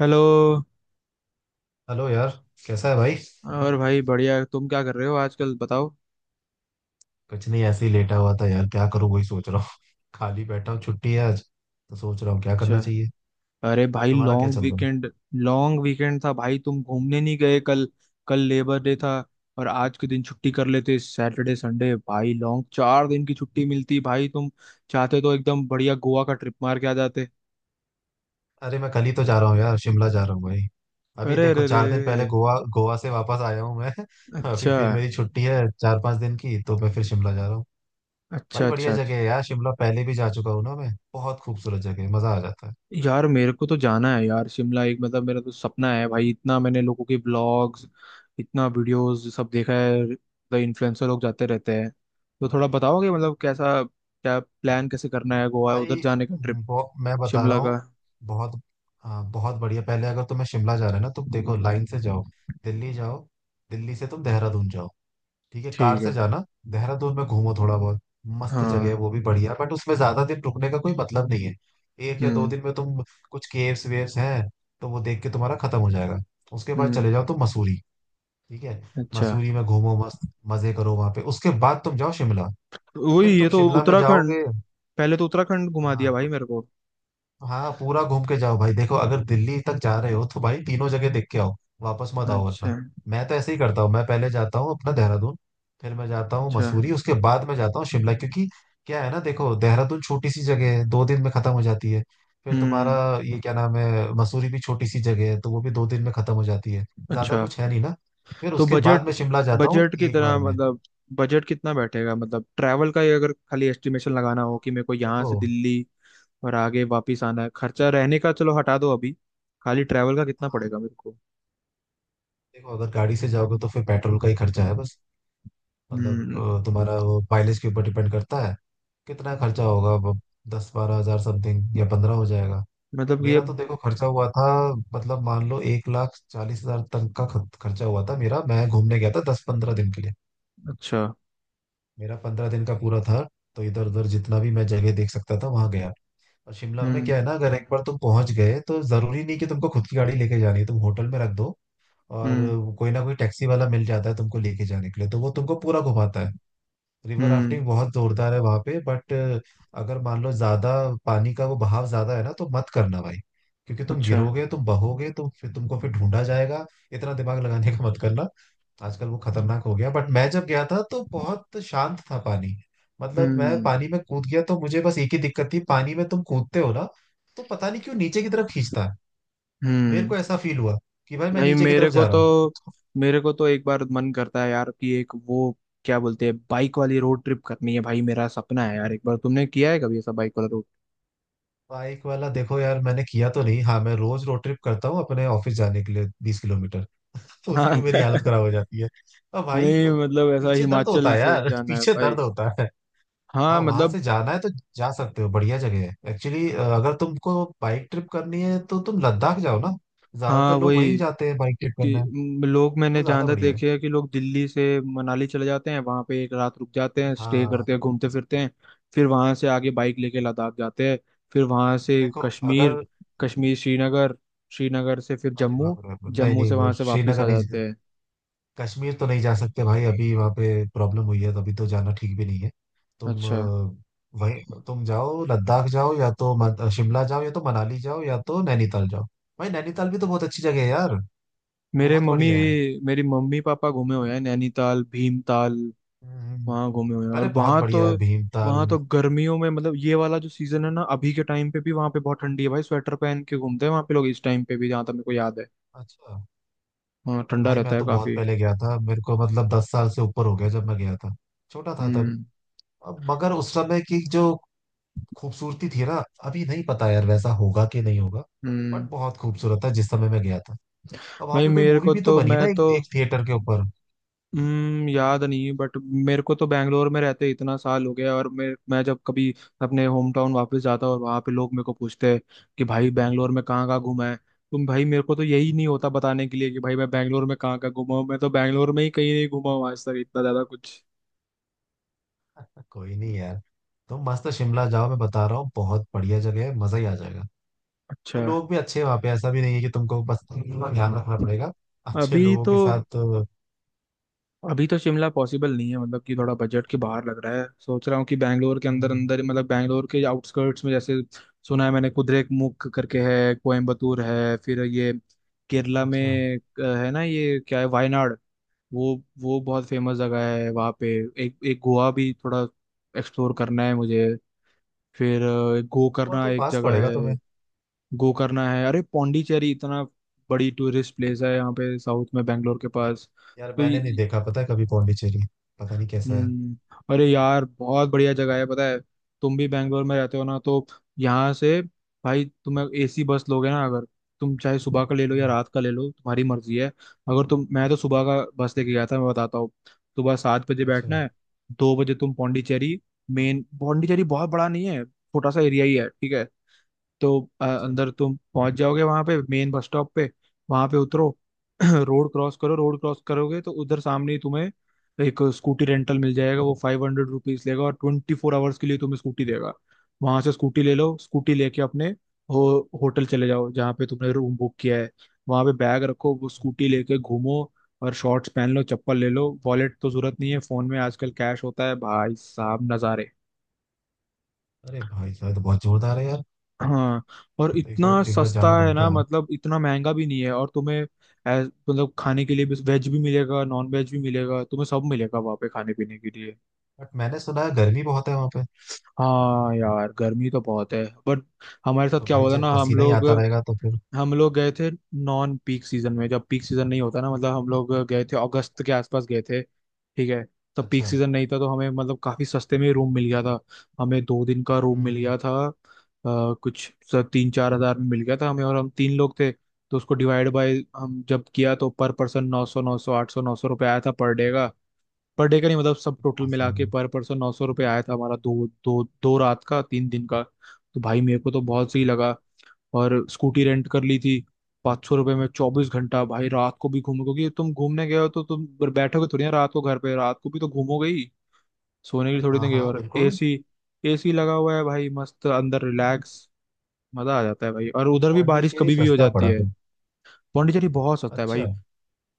Hello. Hello यार। कैसा है भाई। और भाई बढ़िया, तुम क्या कर रहे हो आजकल बताओ? कुछ नहीं, ऐसे ही लेटा हुआ था यार, क्या करूँ वही सोच रहा हूँ खाली बैठा हूँ, छुट्टी है आज, तो सोच रहा हूँ क्या अच्छा। करना चाहिए। अरे भाई तुम्हारा क्या लॉन्ग चल रहा है। वीकेंड। लॉन्ग वीकेंड था भाई, तुम घूमने नहीं गए कल? कल लेबर डे था। और आज के दिन छुट्टी कर लेते, सैटरडे संडे, भाई लॉन्ग 4 दिन की छुट्टी मिलती, भाई तुम चाहते तो एकदम बढ़िया गोवा का ट्रिप मार के आ जाते। अरे मैं कल ही तो जा रहा हूँ यार, शिमला जा रहा हूँ भाई। अभी अरे देखो, अरे अरे। 4 दिन पहले गोवा गोवा से वापस आया हूँ मैं अच्छा अभी फिर मेरी छुट्टी है चार पांच दिन की, तो मैं फिर शिमला जा रहा हूँ। अच्छा भाई अच्छा। बढ़िया अच्छा। जगह है यार शिमला, पहले भी जा चुका हूँ ना मैं, बहुत खूबसूरत जगह है, मजा आ जाता है। यार मेरे को तो जाना है यार शिमला, एक मतलब मेरा तो सपना है भाई, इतना मैंने लोगों के ब्लॉग्स, इतना वीडियोस सब देखा है, मतलब इन्फ्लुएंसर लोग जाते रहते हैं। तो थोड़ा बताओगे, मतलब कैसा, क्या प्लान, कैसे करना है गोवा उधर भाई जाने का ट्रिप, मैं बता रहा शिमला हूँ का? बहुत। हाँ बहुत बढ़िया, पहले अगर तुम्हें शिमला जा रहे है ना तुम, देखो लाइन से जाओ। दिल्ली जाओ। दिल्ली से तुम देहरादून जाओ। ठीक है, कार ठीक है। से जाना। देहरादून में घूमो थोड़ा बहुत, मस्त जगह है हाँ। वो भी बढ़िया, बट उसमें ज्यादा दिन रुकने का कोई मतलब नहीं है। एक या दो हम्म। दिन में तुम कुछ केव्स वेव्स हैं, तो वो देख के तुम्हारा खत्म हो जाएगा। उसके बाद हम्म। चले जाओ तुम मसूरी। ठीक है। अच्छा। मसूरी में घूमो, मस्त मजे करो वहां पे, उसके बाद तुम जाओ शिमला। वही, फिर ये तुम तो शिमला में उत्तराखंड, जाओगे। पहले तो उत्तराखंड घुमा हाँ दिया भाई मेरे को। हाँ, पूरा घूम के जाओ भाई, देखो अगर दिल्ली तक जा रहे हो तो भाई तीनों जगह देख के आओ, वापस मत आओ वरना। अच्छा मैं तो ऐसे ही करता हूँ, मैं पहले जाता हूँ अपना देहरादून, फिर मैं जाता हूँ अच्छा। मसूरी, उसके बाद मैं जाता हूँ शिमला, क्योंकि क्या है ना, देखो देहरादून छोटी सी जगह है, 2 दिन में खत्म हो जाती है। फिर तुम्हारा हम्म। ये क्या नाम है, मसूरी भी छोटी सी जगह है तो वो भी 2 दिन में खत्म हो जाती है, ज्यादा अच्छा। कुछ है नहीं ना। फिर तो उसके बाद बजट मैं शिमला जाता हूँ बजट की एक तरह बार में। मतलब, बजट कितना बैठेगा, मतलब ट्रैवल का ही अगर खाली एस्टिमेशन लगाना हो कि मेरे को यहाँ देखो से दिल्ली और आगे वापस आना है, खर्चा रहने का चलो हटा दो अभी, खाली ट्रैवल का कितना पड़ेगा मेरे को? देखो अगर गाड़ी से जाओगे तो फिर पेट्रोल का ही खर्चा है बस। मतलब हम्म। तुम्हारा वो माइलेज के ऊपर डिपेंड करता है, कितना खर्चा होगा अब। दस बारह हजार समथिंग या पंद्रह हो जाएगा। मतलब ये। मेरा तो देखो खर्चा हुआ था, मतलब मान लो एक लाख चालीस हजार तक का खर्चा हुआ था मेरा, मैं घूमने गया था दस पंद्रह दिन के लिए। अच्छा। मेरा 15 दिन का पूरा था, तो इधर उधर जितना भी मैं जगह देख सकता था वहां गया। और शिमला में क्या हम्म। है ना, अगर एक बार तुम पहुंच गए तो जरूरी नहीं कि तुमको खुद की गाड़ी लेके जानी है, तुम होटल में रख दो, और हम्म। कोई ना कोई टैक्सी वाला मिल जाता है तुमको लेके जाने के लिए, तो वो तुमको पूरा घुमाता है। River hmm. राफ्टिंग बहुत जोरदार है वहां पे, बट अगर मान लो ज्यादा पानी का वो बहाव ज्यादा है ना, तो मत करना भाई, क्योंकि तुम अच्छा। गिरोगे, तुम बहोगे, तो फिर तुमको फिर ढूंढा जाएगा। इतना दिमाग लगाने का मत करना। आजकल वो खतरनाक हो गया, बट मैं जब गया था तो बहुत शांत था पानी। मतलब मैं हम्म। पानी में कूद गया तो मुझे बस एक ही दिक्कत थी, पानी में तुम कूदते हो ना, तो पता नहीं क्यों नीचे की तरफ खींचता है, मेरे हम्म। को ऐसा फील हुआ कि भाई मैं भाई नीचे की तरफ जा रहा हूँ। मेरे को तो एक बार मन करता है यार, कि एक वो क्या बोलते हैं, बाइक वाली रोड ट्रिप करनी है भाई, मेरा सपना है यार, एक बार तुमने किया है कभी ऐसा बाइक वाला? बाइक वाला देखो यार, मैंने किया तो नहीं, हाँ मैं रोज रोड ट्रिप करता हूँ अपने ऑफिस जाने के लिए 20 किलोमीटर तो उसी हाँ में मेरी हालत खराब हो जाती है। अब भाई नहीं मतलब ऐसा पीछे दर्द होता हिमाचल है से यार जाना है पीछे भाई। दर्द होता है, हाँ भाई, वो पीछे दर्द होता है यार, पीछे दर्द होता है। हाँ हाँ, वहां मतलब। से जाना है तो जा सकते हो, बढ़िया जगह है। एक्चुअली अगर तुमको बाइक ट्रिप करनी है तो तुम लद्दाख जाओ ना, हाँ ज्यादातर लोग वहीं वही। जाते हैं बाइक ट्रिप करना है। लोग, मैंने वो जहाँ ज्यादा तक बढ़िया है। देखे हैं कि लोग दिल्ली से मनाली चले जाते हैं, वहाँ पे एक रात रुक जाते हैं, स्टे हाँ। करते हैं, घूमते फिरते हैं। फिर वहाँ से आगे बाइक लेके लद्दाख जाते हैं। फिर वहाँ से देखो कश्मीर, अगर कश्मीर श्रीनगर, श्रीनगर से फिर अरे जम्मू, बाप रे, नहीं जम्मू नहीं से वो वहाँ से वापस आ श्रीनगर नहीं, जाते हैं। कश्मीर तो नहीं जा सकते भाई, अभी वहाँ पे प्रॉब्लम हुई है तो अभी तो जाना ठीक भी नहीं है। तुम अच्छा। वही तुम जाओ लद्दाख जाओ, या तो शिमला जाओ, या तो मनाली जाओ, या तो नैनीताल जाओ। भाई नैनीताल भी तो बहुत अच्छी जगह है यार, मेरे बहुत मम्मी बढ़िया है। मेरी मम्मी पापा घूमे हुए हैं नैनीताल भीमताल, हम्म। वहां घूमे हुए हैं, अरे और बहुत वहां तो, बढ़िया है भीमताल। वहां तो गर्मियों में, मतलब ये वाला जो सीजन है ना, अभी के टाइम पे भी वहां पे बहुत ठंडी है भाई, स्वेटर पहन के घूमते हैं वहां पे लोग इस टाइम पे भी, जहां तक मेरे को याद है। अच्छा। हाँ ठंडा भाई रहता मैं है तो बहुत काफी। पहले गया था, मेरे को मतलब 10 साल से ऊपर हो गया जब मैं गया था, छोटा था तब। हम्म। अब मगर उस समय की जो खूबसूरती थी ना, अभी नहीं पता यार वैसा होगा कि नहीं होगा, बट हम्म। बहुत खूबसूरत था जिस समय मैं गया था। अब वहां भाई पे कोई मेरे मूवी को भी तो तो, बनी ना मैं एक, तो, एक थिएटर के ऊपर हम्म, याद नहीं बट मेरे को तो बैंगलोर में रहते इतना साल हो गया, और मैं जब कभी अपने होम टाउन वापस जाता और वहाँ पे लोग मेरे को पूछते हैं कि भाई बैंगलोर में कहाँ कहाँ घूमा है तुम, भाई मेरे को तो यही नहीं होता बताने के लिए कि भाई मैं बैंगलोर में कहाँ कहाँ घूमा हूँ, मैं तो बैंगलोर में ही कहीं नहीं घूमा हूँ आज तक इतना ज्यादा कुछ। कोई नहीं यार, तुम मस्त शिमला जाओ, मैं बता रहा हूँ बहुत बढ़िया जगह है, मजा ही आ जाएगा। अच्छा। और लोग भी अच्छे हैं वहाँ पे, ऐसा भी नहीं है कि तुमको बस थोड़ा ध्यान रखना पड़ेगा, अच्छे अभी लोगों तो के साथ अभी तो शिमला पॉसिबल नहीं है, मतलब कि थोड़ा बजट के बाहर लग रहा है, सोच रहा हूँ कि बैंगलोर के अंदर हम्म। अंदर, मतलब बैंगलोर के आउटस्कर्ट्स में, जैसे सुना है मैंने, कुद्रेमुख करके है, कोयम्बतूर है, फिर ये केरला अच्छा। में है ना, ये क्या है, वायनाड, वो वो बहुत फेमस जगह है वहाँ पे। एक एक गोवा भी थोड़ा एक्सप्लोर करना है मुझे। फिर गोवा गोकर्णा तो एक पास जगह पड़ेगा है, तुम्हें। गोकर्णा है, अरे पौंडीचेरी इतना बड़ी टूरिस्ट प्लेस है यहाँ पे साउथ में बैंगलोर के पास। यार तो। मैंने नहीं देखा, पता है कभी पौंडीचेरी, पता नहीं कैसा है। हम्म। अरे यार बहुत बढ़िया जगह है पता है, तुम भी बैंगलोर में रहते हो ना, तो यहाँ से भाई तुम्हें एसी बस लोगे ना, अगर तुम चाहे सुबह का ले लो या हम्म। रात का ले लो, तुम्हारी मर्जी है, अगर तुम, मैं तो सुबह का बस लेके गया था, मैं बताता हूँ। सुबह 7 बजे अच्छा। बैठना है, 2 बजे तुम पौंडीचेरी। मेन पौंडीचेरी बहुत बड़ा नहीं है, छोटा सा एरिया ही है ठीक है। तो अच्छा अंदर तुम पहुंच जाओगे वहां पे मेन बस स्टॉप पे, वहां पे उतरो रोड क्रॉस करो, रोड क्रॉस करोगे तो उधर सामने ही तुम्हें एक स्कूटी रेंटल मिल जाएगा, वो ₹500 लेगा और 24 आवर्स के लिए तुम्हें स्कूटी देगा। वहां से स्कूटी ले लो, स्कूटी लेके अपने होटल चले जाओ जहाँ पे तुमने रूम बुक किया है, वहां पे बैग रखो, वो स्कूटी लेके घूमो, और शॉर्ट्स पहन लो, चप्पल ले लो, वॉलेट तो जरूरत नहीं है, फोन में आजकल कैश होता है, भाई साहब नजारे। अरे भाई साहब तो बहुत जोरदार है यार, हाँ। और तो इतना एक बार सस्ता जाना है ना, बनता है। मतलब इतना महंगा भी नहीं है, और तुम्हें, ऐ- मतलब खाने के लिए भी वेज भी मिलेगा, नॉन वेज भी मिलेगा, तुम्हें सब मिलेगा वहाँ पे खाने पीने के लिए। बट मैंने सुना है गर्मी बहुत है वहाँ पे, हाँ यार गर्मी तो बहुत है बट, हमारे साथ तो क्या भाई हुआ था जब ना, हम पसीना ही लोग, आता रहेगा तो फिर। गए थे नॉन पीक सीजन में, जब पीक सीजन नहीं होता ना, मतलब हम लोग गए थे अगस्त के आसपास, गए थे ठीक है। तब पीक अच्छा। सीजन नहीं था तो हमें मतलब काफी सस्ते में रूम मिल गया था। हमें 2 दिन का रूम मिल हम्म। गया था, कुछ 3-4 हज़ार में मिल गया था हमें, और हम तीन लोग थे। तो उसको डिवाइड बाय हम जब किया, तो पर पर्सन, 900, 900, 800, 900 रुपये आया था पर डे का, पर डे का नहीं, मतलब सब टोटल हाँ मिला सही के है। पर पर्सन 900 रुपये आया था हमारा, दो दो 2 रात का, 3 दिन का, तो भाई मेरे को तो बहुत सही अच्छा। लगा। और स्कूटी रेंट कर ली थी, 500 रुपये में 24 घंटा, भाई रात को भी घूमो, क्योंकि तुम घूमने गए हो तो तुम बैठोगे थोड़ी ना रात को घर पे, रात को भी तो घूमोगे ही, सोने के लिए थोड़ी ना हाँ गए हो। हाँ और बिल्कुल। एसी एसी लगा हुआ है भाई, मस्त अंदर रिलैक्स, मजा आ जाता है भाई, और उधर भी बारिश पौंडीचेरी कभी भी हो सस्ता जाती पड़ा है। फिर। पौंडीचेरी बहुत सस्ता है अच्छा। भाई।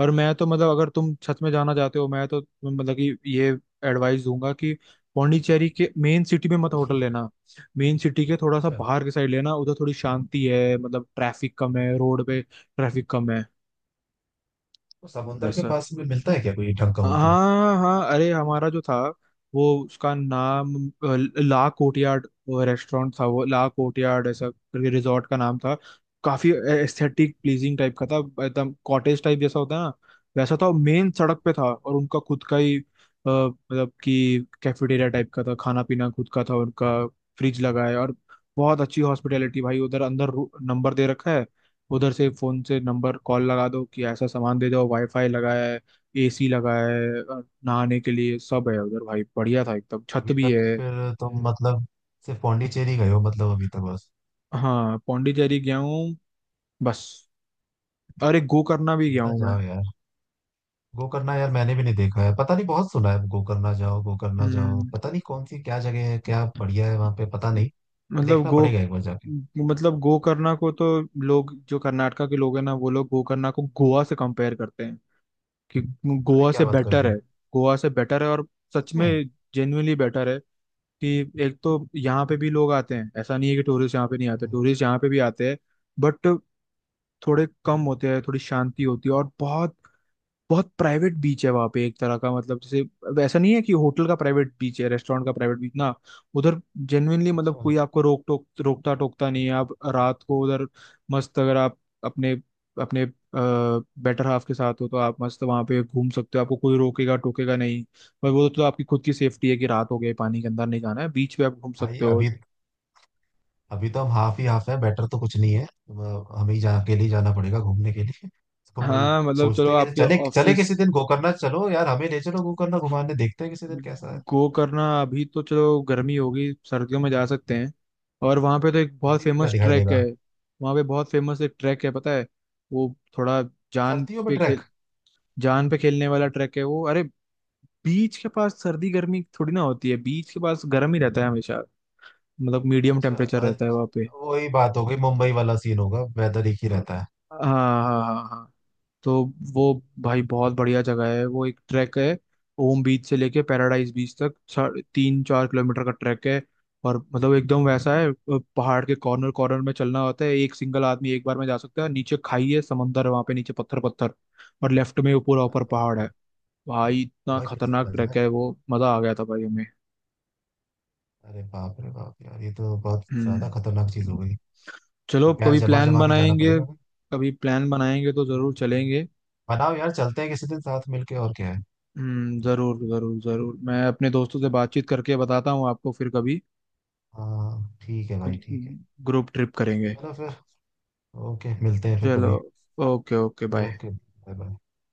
और मैं तो मतलब, अगर तुम सच में जाना चाहते हो, मैं तो मतलब कि ये एडवाइस दूंगा कि पौंडीचेरी के मेन सिटी में मत होटल लेना, मेन सिटी के थोड़ा सा अच्छा बाहर के साइड लेना, उधर थोड़ी शांति है, मतलब ट्रैफिक कम है, रोड पे ट्रैफिक कम है। तो समुंदर के वैसा, पास में मिलता है क्या कोई ढंग का होटल। हाँ हाँ, अरे हमारा जो था, वो उसका नाम, अ, ला कोर्टयार्ड, रेस्टोरेंट था, वो ला कोर्टयार्ड ऐसा करके रिजॉर्ट का नाम था। काफी एस्थेटिक प्लीजिंग टाइप का था, एकदम कॉटेज टाइप जैसा होता है ना, वैसा था, मेन सड़क पे था, और उनका खुद का ही, मतलब कि कैफेटेरिया टाइप का था, खाना पीना खुद का था उनका, फ्रिज लगा है, और बहुत अच्छी हॉस्पिटैलिटी भाई, उधर अंदर नंबर दे रखा है, उधर से फोन से नंबर कॉल लगा दो कि ऐसा सामान दे दो, वाईफाई लगाया है, एसी लगा है, और नहाने के लिए सब है उधर, भाई बढ़िया था एकदम, तो छत अभी भी तक है। फिर तुम मतलब सिर्फ पौंडीचेरी गए हो मतलब अभी तक बस। हाँ पौंडीचेरी गया हूँ बस। अरे गो करना भी गया शिमला हूँ मैं। जाओ यार। गोकर्णा यार मैंने भी नहीं देखा है, पता नहीं, बहुत सुना है, गोकर्णा जाओ गोकर्णा जाओ, हम्म। पता नहीं कौन सी क्या जगह है क्या बढ़िया है वहां पे, पता नहीं, पर मतलब देखना गो पड़ेगा एक बार जाके। मतलब गोकर्णा को तो, लोग जो कर्नाटका के लोग हैं ना, वो लोग गोकर्णा को गोवा से कंपेयर करते हैं, कि अरे गोवा क्या से बात कर बेटर है। दी। गोवा से बेटर है, और सच सच में। में जेन्युइनली बेटर है कि, एक तो यहाँ पे भी लोग आते हैं, ऐसा नहीं है कि टूरिस्ट यहाँ पे नहीं आते, हम्म। टूरिस्ट यहाँ पे भी आते हैं बट थोड़े कम होते हैं, थोड़ी शांति होती है, और बहुत बहुत प्राइवेट बीच है वहाँ पे एक तरह का, मतलब जैसे ऐसा नहीं है कि होटल का प्राइवेट बीच है, रेस्टोरेंट का प्राइवेट बीच ना, उधर जेन्युइनली, मतलब अच्छा। कोई आपको रोक टोक रोकता टोकता नहीं है, आप रात को उधर मस्त, अगर आप अपने अपने बेटर हाफ के साथ हो तो आप मस्त वहाँ पे घूम सकते हो, आपको कोई रोकेगा टोकेगा नहीं, पर वो तो आपकी खुद की सेफ्टी है, कि रात हो गई पानी के अंदर नहीं जाना है, बीच पे आप घूम भाई सकते हो। अभी, अभी तो हम हाफ ही हाफ है, बेटर तो कुछ नहीं है, अब हमें ही जहाँ अकेले ही जाना पड़ेगा घूमने के लिए तो भाई। हाँ मतलब सोचते चलो हैं कि आपके चले चले ऑफिस। किसी दिन गोकर्णा, चलो यार हमें ले चलो गोकर्णा घुमाने, देखते हैं किसी दिन कैसा है। गो करना, अभी तो चलो गर्मी होगी, सर्दियों में जा सकते हैं। और वहाँ पे तो एक बहुत सर्दी में क्या फेमस दिखाई ट्रैक है, देगा। वहाँ पे बहुत फेमस एक ट्रैक है पता है, वो थोड़ा, जान सर्दियों में पे ट्रैक। खेल जान पे खेलने वाला ट्रैक है वो, अरे बीच के पास सर्दी गर्मी थोड़ी ना होती है, बीच के पास गर्म ही रहता है हमेशा, मतलब मीडियम अच्छा टेम्परेचर रहता है वहाँ पे। वही बात हो गई मुंबई वाला सीन होगा, वेदर एक ही रहता है। हाँ हाँ हाँ, हाँ। तो वो, भाई बहुत बढ़िया जगह है, वो एक ट्रैक है, ओम बीच से लेके पैराडाइज बीच तक 3-4 किलोमीटर का ट्रैक है, और मतलब एकदम वैसा है, पहाड़ के कॉर्नर कॉर्नर में चलना होता है, एक सिंगल आदमी एक बार में जा सकता है, नीचे खाई है, समंदर है वहाँ पे नीचे, पत्थर पत्थर, और लेफ्ट में वो पूरा अरे ऊपर पहाड़ बाप है, रे। भाई ओ इतना भाई फिसल खतरनाक ना ट्रैक जाए। है वो, मजा आ गया था भाई हमें। अरे बाप रे बाप यार, ये तो बहुत ज्यादा हम्म। खतरनाक चीज हो गई। तो चलो पैर कभी जमा प्लान जमा के जाना बनाएंगे, पड़ेगा भाई। कभी प्लान बनाएंगे तो जरूर हम्म। चलेंगे। बनाओ यार, चलते हैं किसी दिन साथ मिलके और क्या है। जरूर जरूर जरूर, मैं अपने दोस्तों से चलो। बातचीत करके बताता हूँ आपको फिर कभी। हाँ ठीक है भाई, ठीक है। ग्रुप ट्रिप करेंगे। चलो फिर। ओके मिलते हैं फिर चलो। कभी। Okay okay bye. Okay bye. Bye.